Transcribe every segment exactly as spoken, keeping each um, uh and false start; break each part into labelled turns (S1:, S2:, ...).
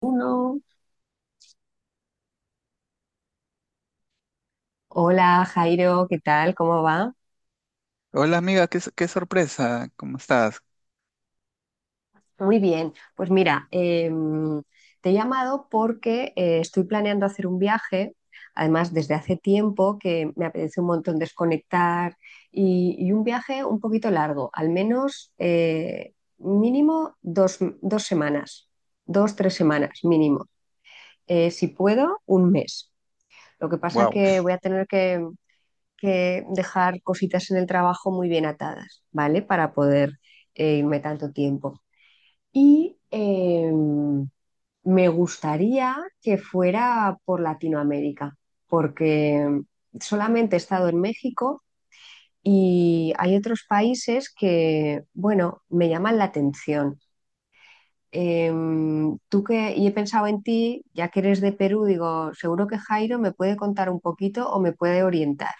S1: Uno. Hola Jairo, ¿qué tal? ¿Cómo va?
S2: Hola amiga, qué, s- qué sorpresa, ¿cómo estás?
S1: Muy bien, pues mira, em, te he llamado porque eh, estoy planeando hacer un viaje, además desde hace tiempo que me apetece un montón desconectar y, y un viaje un poquito largo, al menos eh, mínimo dos, dos semanas, dos, tres semanas mínimo. Eh, si puedo, un mes. Lo que pasa
S2: Wow.
S1: que voy a tener que que dejar cositas en el trabajo muy bien atadas, ¿vale? Para poder eh, irme tanto tiempo. Y em, me gustaría que fuera por Latinoamérica, porque solamente he estado en México y hay otros países que, bueno, me llaman la atención. Em, tú que, y he pensado en ti, ya que eres de Perú, digo, seguro que Jairo me puede contar un poquito o me puede orientar.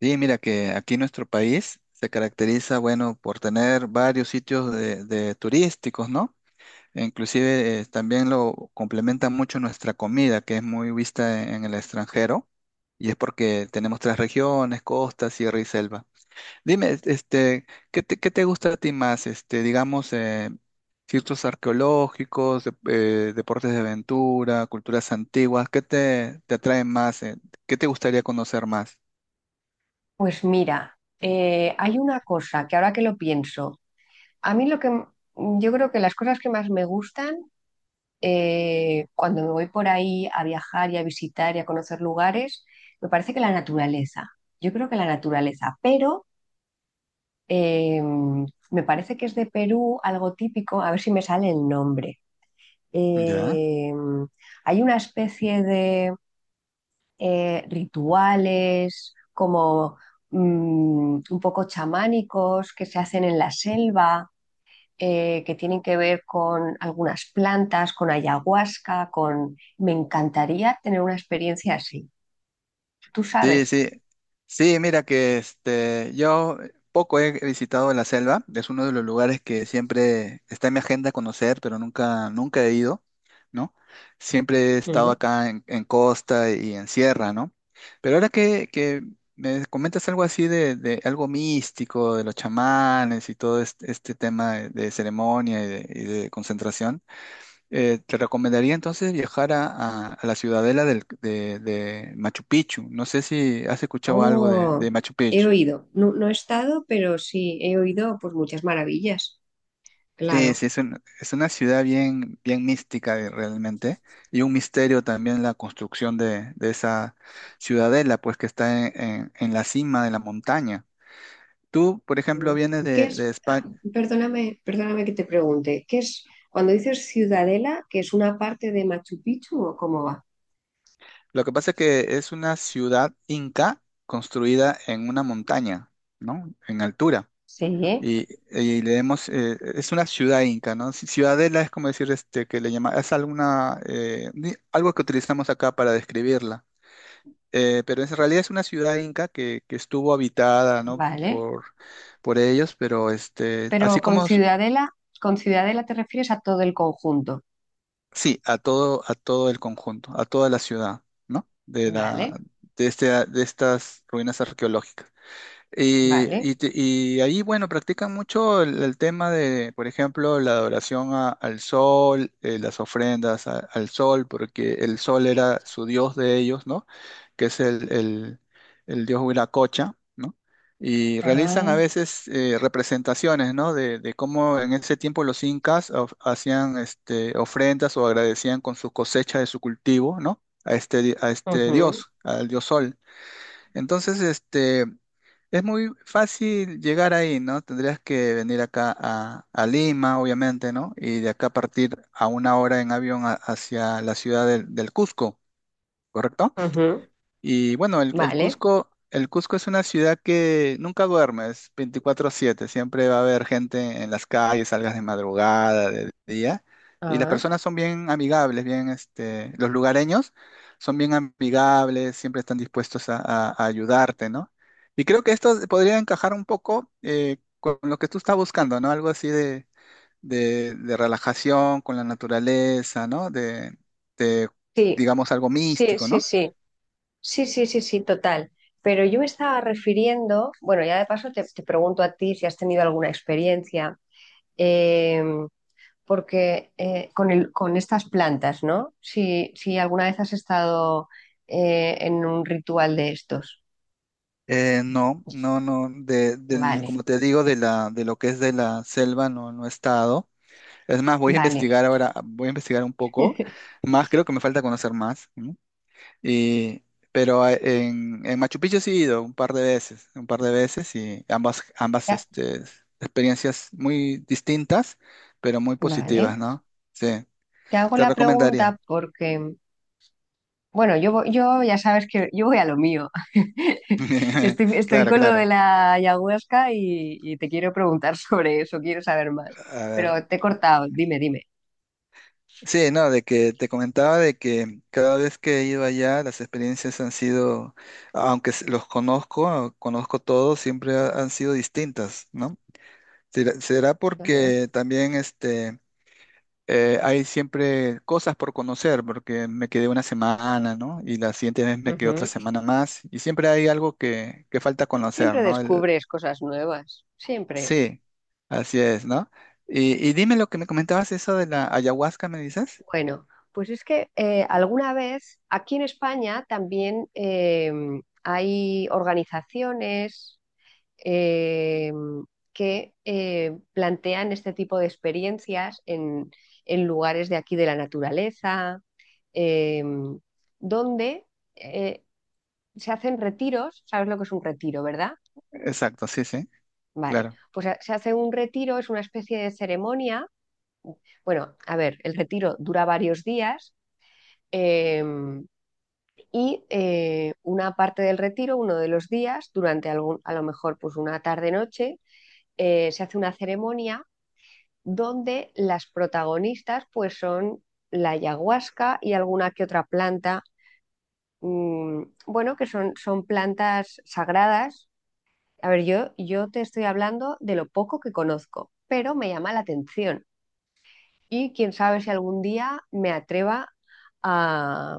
S2: Sí, mira que aquí nuestro país se caracteriza, bueno, por tener varios sitios de, de turísticos, ¿no? E inclusive eh, también lo complementa mucho nuestra comida, que es muy vista en, en el extranjero, y es porque tenemos tres regiones, costa, sierra y selva. Dime, este, ¿qué te, qué te gusta a ti más? Este, digamos, eh, sitios arqueológicos, dep- eh, deportes de aventura, culturas antiguas, ¿qué te, te atrae más? ¿Eh? ¿Qué te gustaría conocer más?
S1: Pues mira, eh, hay una cosa que ahora que lo pienso, a mí lo que m- yo creo que las cosas que más me gustan eh, cuando me voy por ahí a viajar y a visitar y a conocer lugares, me parece que la naturaleza, yo creo que la naturaleza, pero eh, me parece que es de Perú algo típico, a ver si me sale el nombre.
S2: ¿Ya?
S1: Eh, Hay una especie de eh, rituales como mm, un poco chamánicos que se hacen en la selva, eh, que tienen que ver con algunas plantas, con ayahuasca, con... Me encantaría tener una experiencia así. ¿Tú
S2: Sí,
S1: sabes?
S2: sí. Sí, mira que este, yo poco he visitado la selva, es uno de los lugares que siempre está en mi agenda conocer, pero nunca, nunca he ido, ¿no? Siempre he estado
S1: Ujú.
S2: acá en, en costa y en sierra, ¿no? Pero ahora que, que me comentas algo así de, de algo místico, de los chamanes y todo este, este tema de, de ceremonia y de, y de concentración. Eh, te recomendaría entonces viajar a, a- a la ciudadela del- de, de Machu Picchu. No sé si has escuchado algo de,
S1: Oh,
S2: de Machu
S1: he
S2: Picchu.
S1: oído. No, no he estado, pero sí, he oído pues muchas maravillas.
S2: Sí,
S1: Claro.
S2: sí, es, un- es una ciudad bien, bien mística eh, realmente, y un misterio también la construcción de, de esa ciudadela, pues que está en, en- en la cima de la montaña. Tú, por ejemplo,
S1: Mm.
S2: vienes
S1: ¿Qué
S2: de, de
S1: es? Ah,
S2: España.
S1: perdóname, perdóname que te pregunte. ¿Qué es cuando dices Ciudadela, que es una parte de Machu Picchu o cómo va?
S2: Lo que pasa es que es una ciudad inca construida en una montaña, ¿no? En altura.
S1: Sí,
S2: Y, y leemos, eh, es una ciudad inca, ¿no? Ci- Ciudadela es como decir este, que le llama, es alguna, eh, ni- algo que utilizamos acá para describirla. Eh, pero en realidad es una ciudad inca que, que estuvo habitada, ¿no?
S1: vale.
S2: Por, por ellos, pero este, así
S1: Pero con
S2: como, s-
S1: Ciudadela, con Ciudadela te refieres a todo el conjunto.
S2: sí, a todo, a todo el conjunto, a toda la ciudad, ¿no? De la,
S1: Vale.
S2: de este, de estas ruinas arqueológicas. Y,
S1: Vale.
S2: y te- y ahí, bueno, practican mucho el, el tema de, por ejemplo, la adoración a- al sol, eh, las ofrendas a- al sol, porque el sol era su dios de ellos, ¿no? Que es el, el, el dios Huiracocha, ¿no? Y realizan a
S1: Ah,
S2: veces eh, representaciones, ¿no? De, de cómo en ese tiempo los incas of- hacían este, ofrendas o agradecían con su cosecha de su cultivo, ¿no? A este, di- a este
S1: ujú,
S2: dios, al dios sol. Entonces, este, es muy fácil llegar ahí, ¿no? Tendrías que venir acá a, a Lima, obviamente, ¿no? Y de acá partir a una hora en avión a- hacia la ciudad del, del Cusco,
S1: ujú,
S2: y bueno, el, el
S1: vale.
S2: Cusco, el Cusco es una ciudad que nunca duermes, veinticuatro siete, siempre va a haber gente en las calles, salgas de madrugada, de día, y las
S1: Ah,
S2: personas son bien amigables, bien, este, los lugareños son bien amigables, siempre están dispuestos a, a- a ayudarte, ¿no? Y creo que esto podría encajar un poco eh, con lo que tú estás buscando, ¿no? Algo así de, de- de relajación con la naturaleza, ¿no? De, de,
S1: sí,
S2: digamos, algo
S1: sí,
S2: místico,
S1: sí,
S2: ¿no?
S1: sí, sí, sí, sí, sí, total. Pero yo me estaba refiriendo, bueno, ya de paso te, te pregunto a ti si has tenido alguna experiencia, eh, porque eh, con el, con estas plantas, ¿no? Si, si alguna vez has estado eh, en un ritual de estos.
S2: Eh, no, no, no, de, del,
S1: Vale,
S2: como te digo, de la, de lo que es de la selva no, no he estado. Es más, voy a
S1: vale,
S2: investigar ahora, voy a investigar un poco más, creo que me falta conocer más, ¿no? Y, pero a- en, en Machu Picchu sí he ido un par de veces, un par de veces, y ambas, ambas
S1: ya,
S2: este, experiencias muy distintas, pero muy
S1: vale.
S2: positivas, ¿no? Sí,
S1: Te hago
S2: te
S1: la
S2: recomendaría.
S1: pregunta porque bueno, yo, voy- yo ya sabes que yo voy a lo mío. Estoy, estoy
S2: Claro,
S1: con lo
S2: claro.
S1: de la ayahuasca y, y te quiero preguntar sobre eso, quiero saber más.
S2: A ver.
S1: Pero te he cortado, dime, dime.
S2: Sí, no, de que te comentaba de que cada vez que he ido allá, las experiencias han sido, aunque s- los conozco, conozco todos, siempre ha- han sido distintas, ¿no? Será, será
S1: Claro.
S2: porque también este, eh, hay siempre cosas por conocer, porque me quedé una semana, ¿no? Y la siguiente vez me quedé otra
S1: Ujú.
S2: semana más, y siempre hay algo que, que falta conocer,
S1: Siempre
S2: ¿no? El,
S1: descubres cosas nuevas, siempre.
S2: sí, así es, ¿no? Y, y dime lo que me comentabas, eso de la ayahuasca, ¿me dices?
S1: Bueno, pues es que eh, alguna vez aquí en España también eh, hay organizaciones eh, que eh, plantean este tipo de experiencias en, en lugares de aquí de la naturaleza, eh, donde eh, se hacen retiros, ¿sabes lo que es un retiro, verdad?
S2: Exacto, sí, sí,
S1: Vale,
S2: claro.
S1: pues a- se hace un retiro, es una especie de ceremonia. Bueno, a ver, el retiro dura varios días, eh, y eh, una parte del retiro, uno de los días, durante algún, a lo mejor pues una tarde-noche, eh, se hace una ceremonia donde las protagonistas pues son la ayahuasca y alguna que otra planta, mm, bueno, que son, son plantas sagradas. A ver, yo, yo te estoy hablando de lo poco que conozco, pero me llama la atención. Y quién sabe si algún día me atreva a,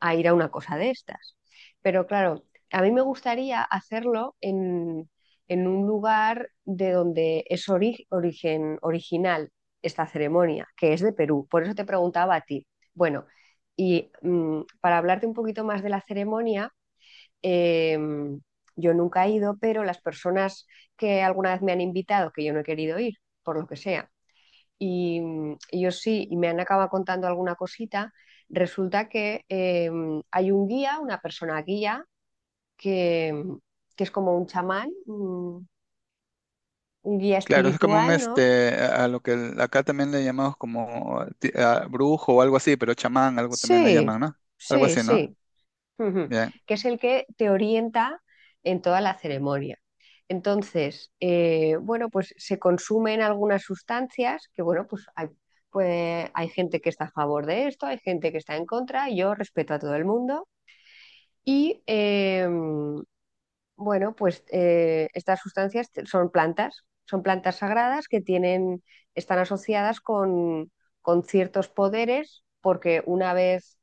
S1: a ir a una cosa de estas. Pero claro, a mí me gustaría hacerlo en, en un lugar de donde es ori- origen, original esta ceremonia, que es de Perú. Por eso te preguntaba a ti. Bueno, y mm, para hablarte un poquito más de la ceremonia, em, yo nunca he ido, pero las personas que alguna vez me han invitado, que yo no he querido ir, por lo que sea, y, mm, y yo sí, y me han acabado contando alguna cosita. Resulta que eh, hay un guía, una persona guía, que, mm, que es como un chamán, un, un guía
S2: Claro, es como un
S1: espiritual, ¿no?
S2: este, a a lo que el- acá también le llamamos como eh, ti- a brujo o algo así, pero chamán, algo también le
S1: Sí,
S2: llaman, ¿no? Algo
S1: sí,
S2: así, ¿no?
S1: sí. Ujú.
S2: Bien.
S1: Que es el que te orienta en toda la ceremonia. Entonces, eh, bueno, pues se consumen algunas sustancias que, bueno, pues hay, pues hay gente que está a favor de esto, hay gente que está en contra, y yo respeto a todo el mundo. Y eh, bueno, pues eh, estas sustancias te- son plantas, son plantas sagradas que tienen, están asociadas con, con ciertos poderes, porque una vez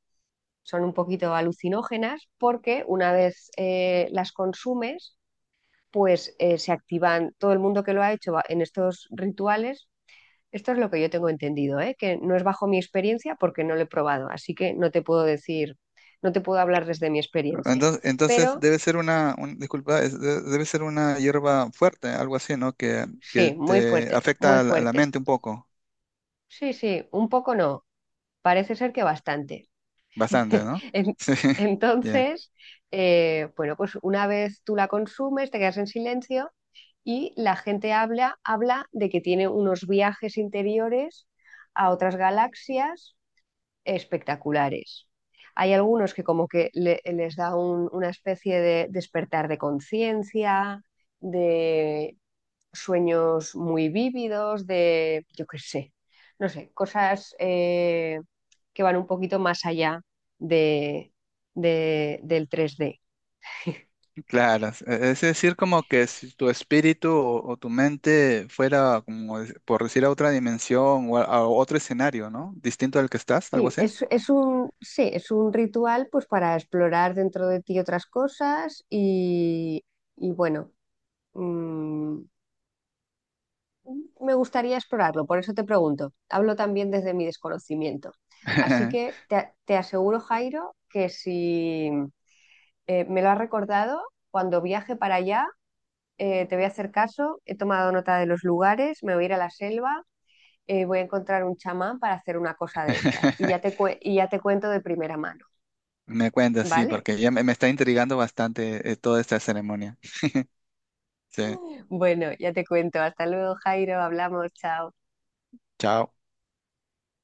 S1: son un poquito alucinógenas, porque una vez eh, las consumes, pues eh, se activan, todo el mundo que lo ha hecho va- en estos rituales, esto es lo que yo tengo entendido, ¿eh? Que no es bajo mi experiencia porque no lo he probado, así que no te puedo decir, no te puedo hablar desde mi experiencia.
S2: Entonces, entonces
S1: Pero
S2: debe ser una, un- disculpa, es- de- debe ser una hierba fuerte, algo así, ¿no? Que, que
S1: sí, muy
S2: te
S1: fuerte, muy
S2: afecta a la, a la
S1: fuerte.
S2: mente un poco,
S1: Sí, sí, un poco no, parece ser que bastante.
S2: bastante, ¿no?
S1: En-
S2: Sí, bien.
S1: Entonces, eh, bueno, pues una vez tú la consumes, te quedas en silencio y la gente habla, habla de que tiene unos viajes interiores a otras galaxias espectaculares. Hay algunos que como que le- les da un- una especie de despertar de conciencia, de sueños muy vívidos, de, yo qué sé, no sé, cosas eh, que van un poquito más allá de, de- del tres D.
S2: Claro, es e, es decir, como que si tu espíritu o, o tu mente fuera, como de- por decir, a otra dimensión o a, a otro escenario, ¿no? Distinto al que estás, algo
S1: Sí,
S2: así.
S1: es, es un, sí, es un ritual pues para explorar dentro de ti otras cosas y, y bueno, mm, me gustaría explorarlo, por eso te pregunto. Hablo también desde mi desconocimiento. Así que te, te aseguro, Jairo, que si, eh, me lo has recordado, cuando viaje para allá eh, te voy a hacer caso, he tomado nota de los lugares, me voy a ir a la selva, eh, voy a encontrar un chamán para hacer una cosa de estas y ya te, cue- y ya te cuento de primera mano,
S2: Me cuenta, sí,
S1: ¿vale?
S2: porque ya me, me está intrigando bastante eh, toda esta ceremonia. Sí,
S1: Bueno, ya te cuento, hasta luego Jairo, hablamos, chao.
S2: chao.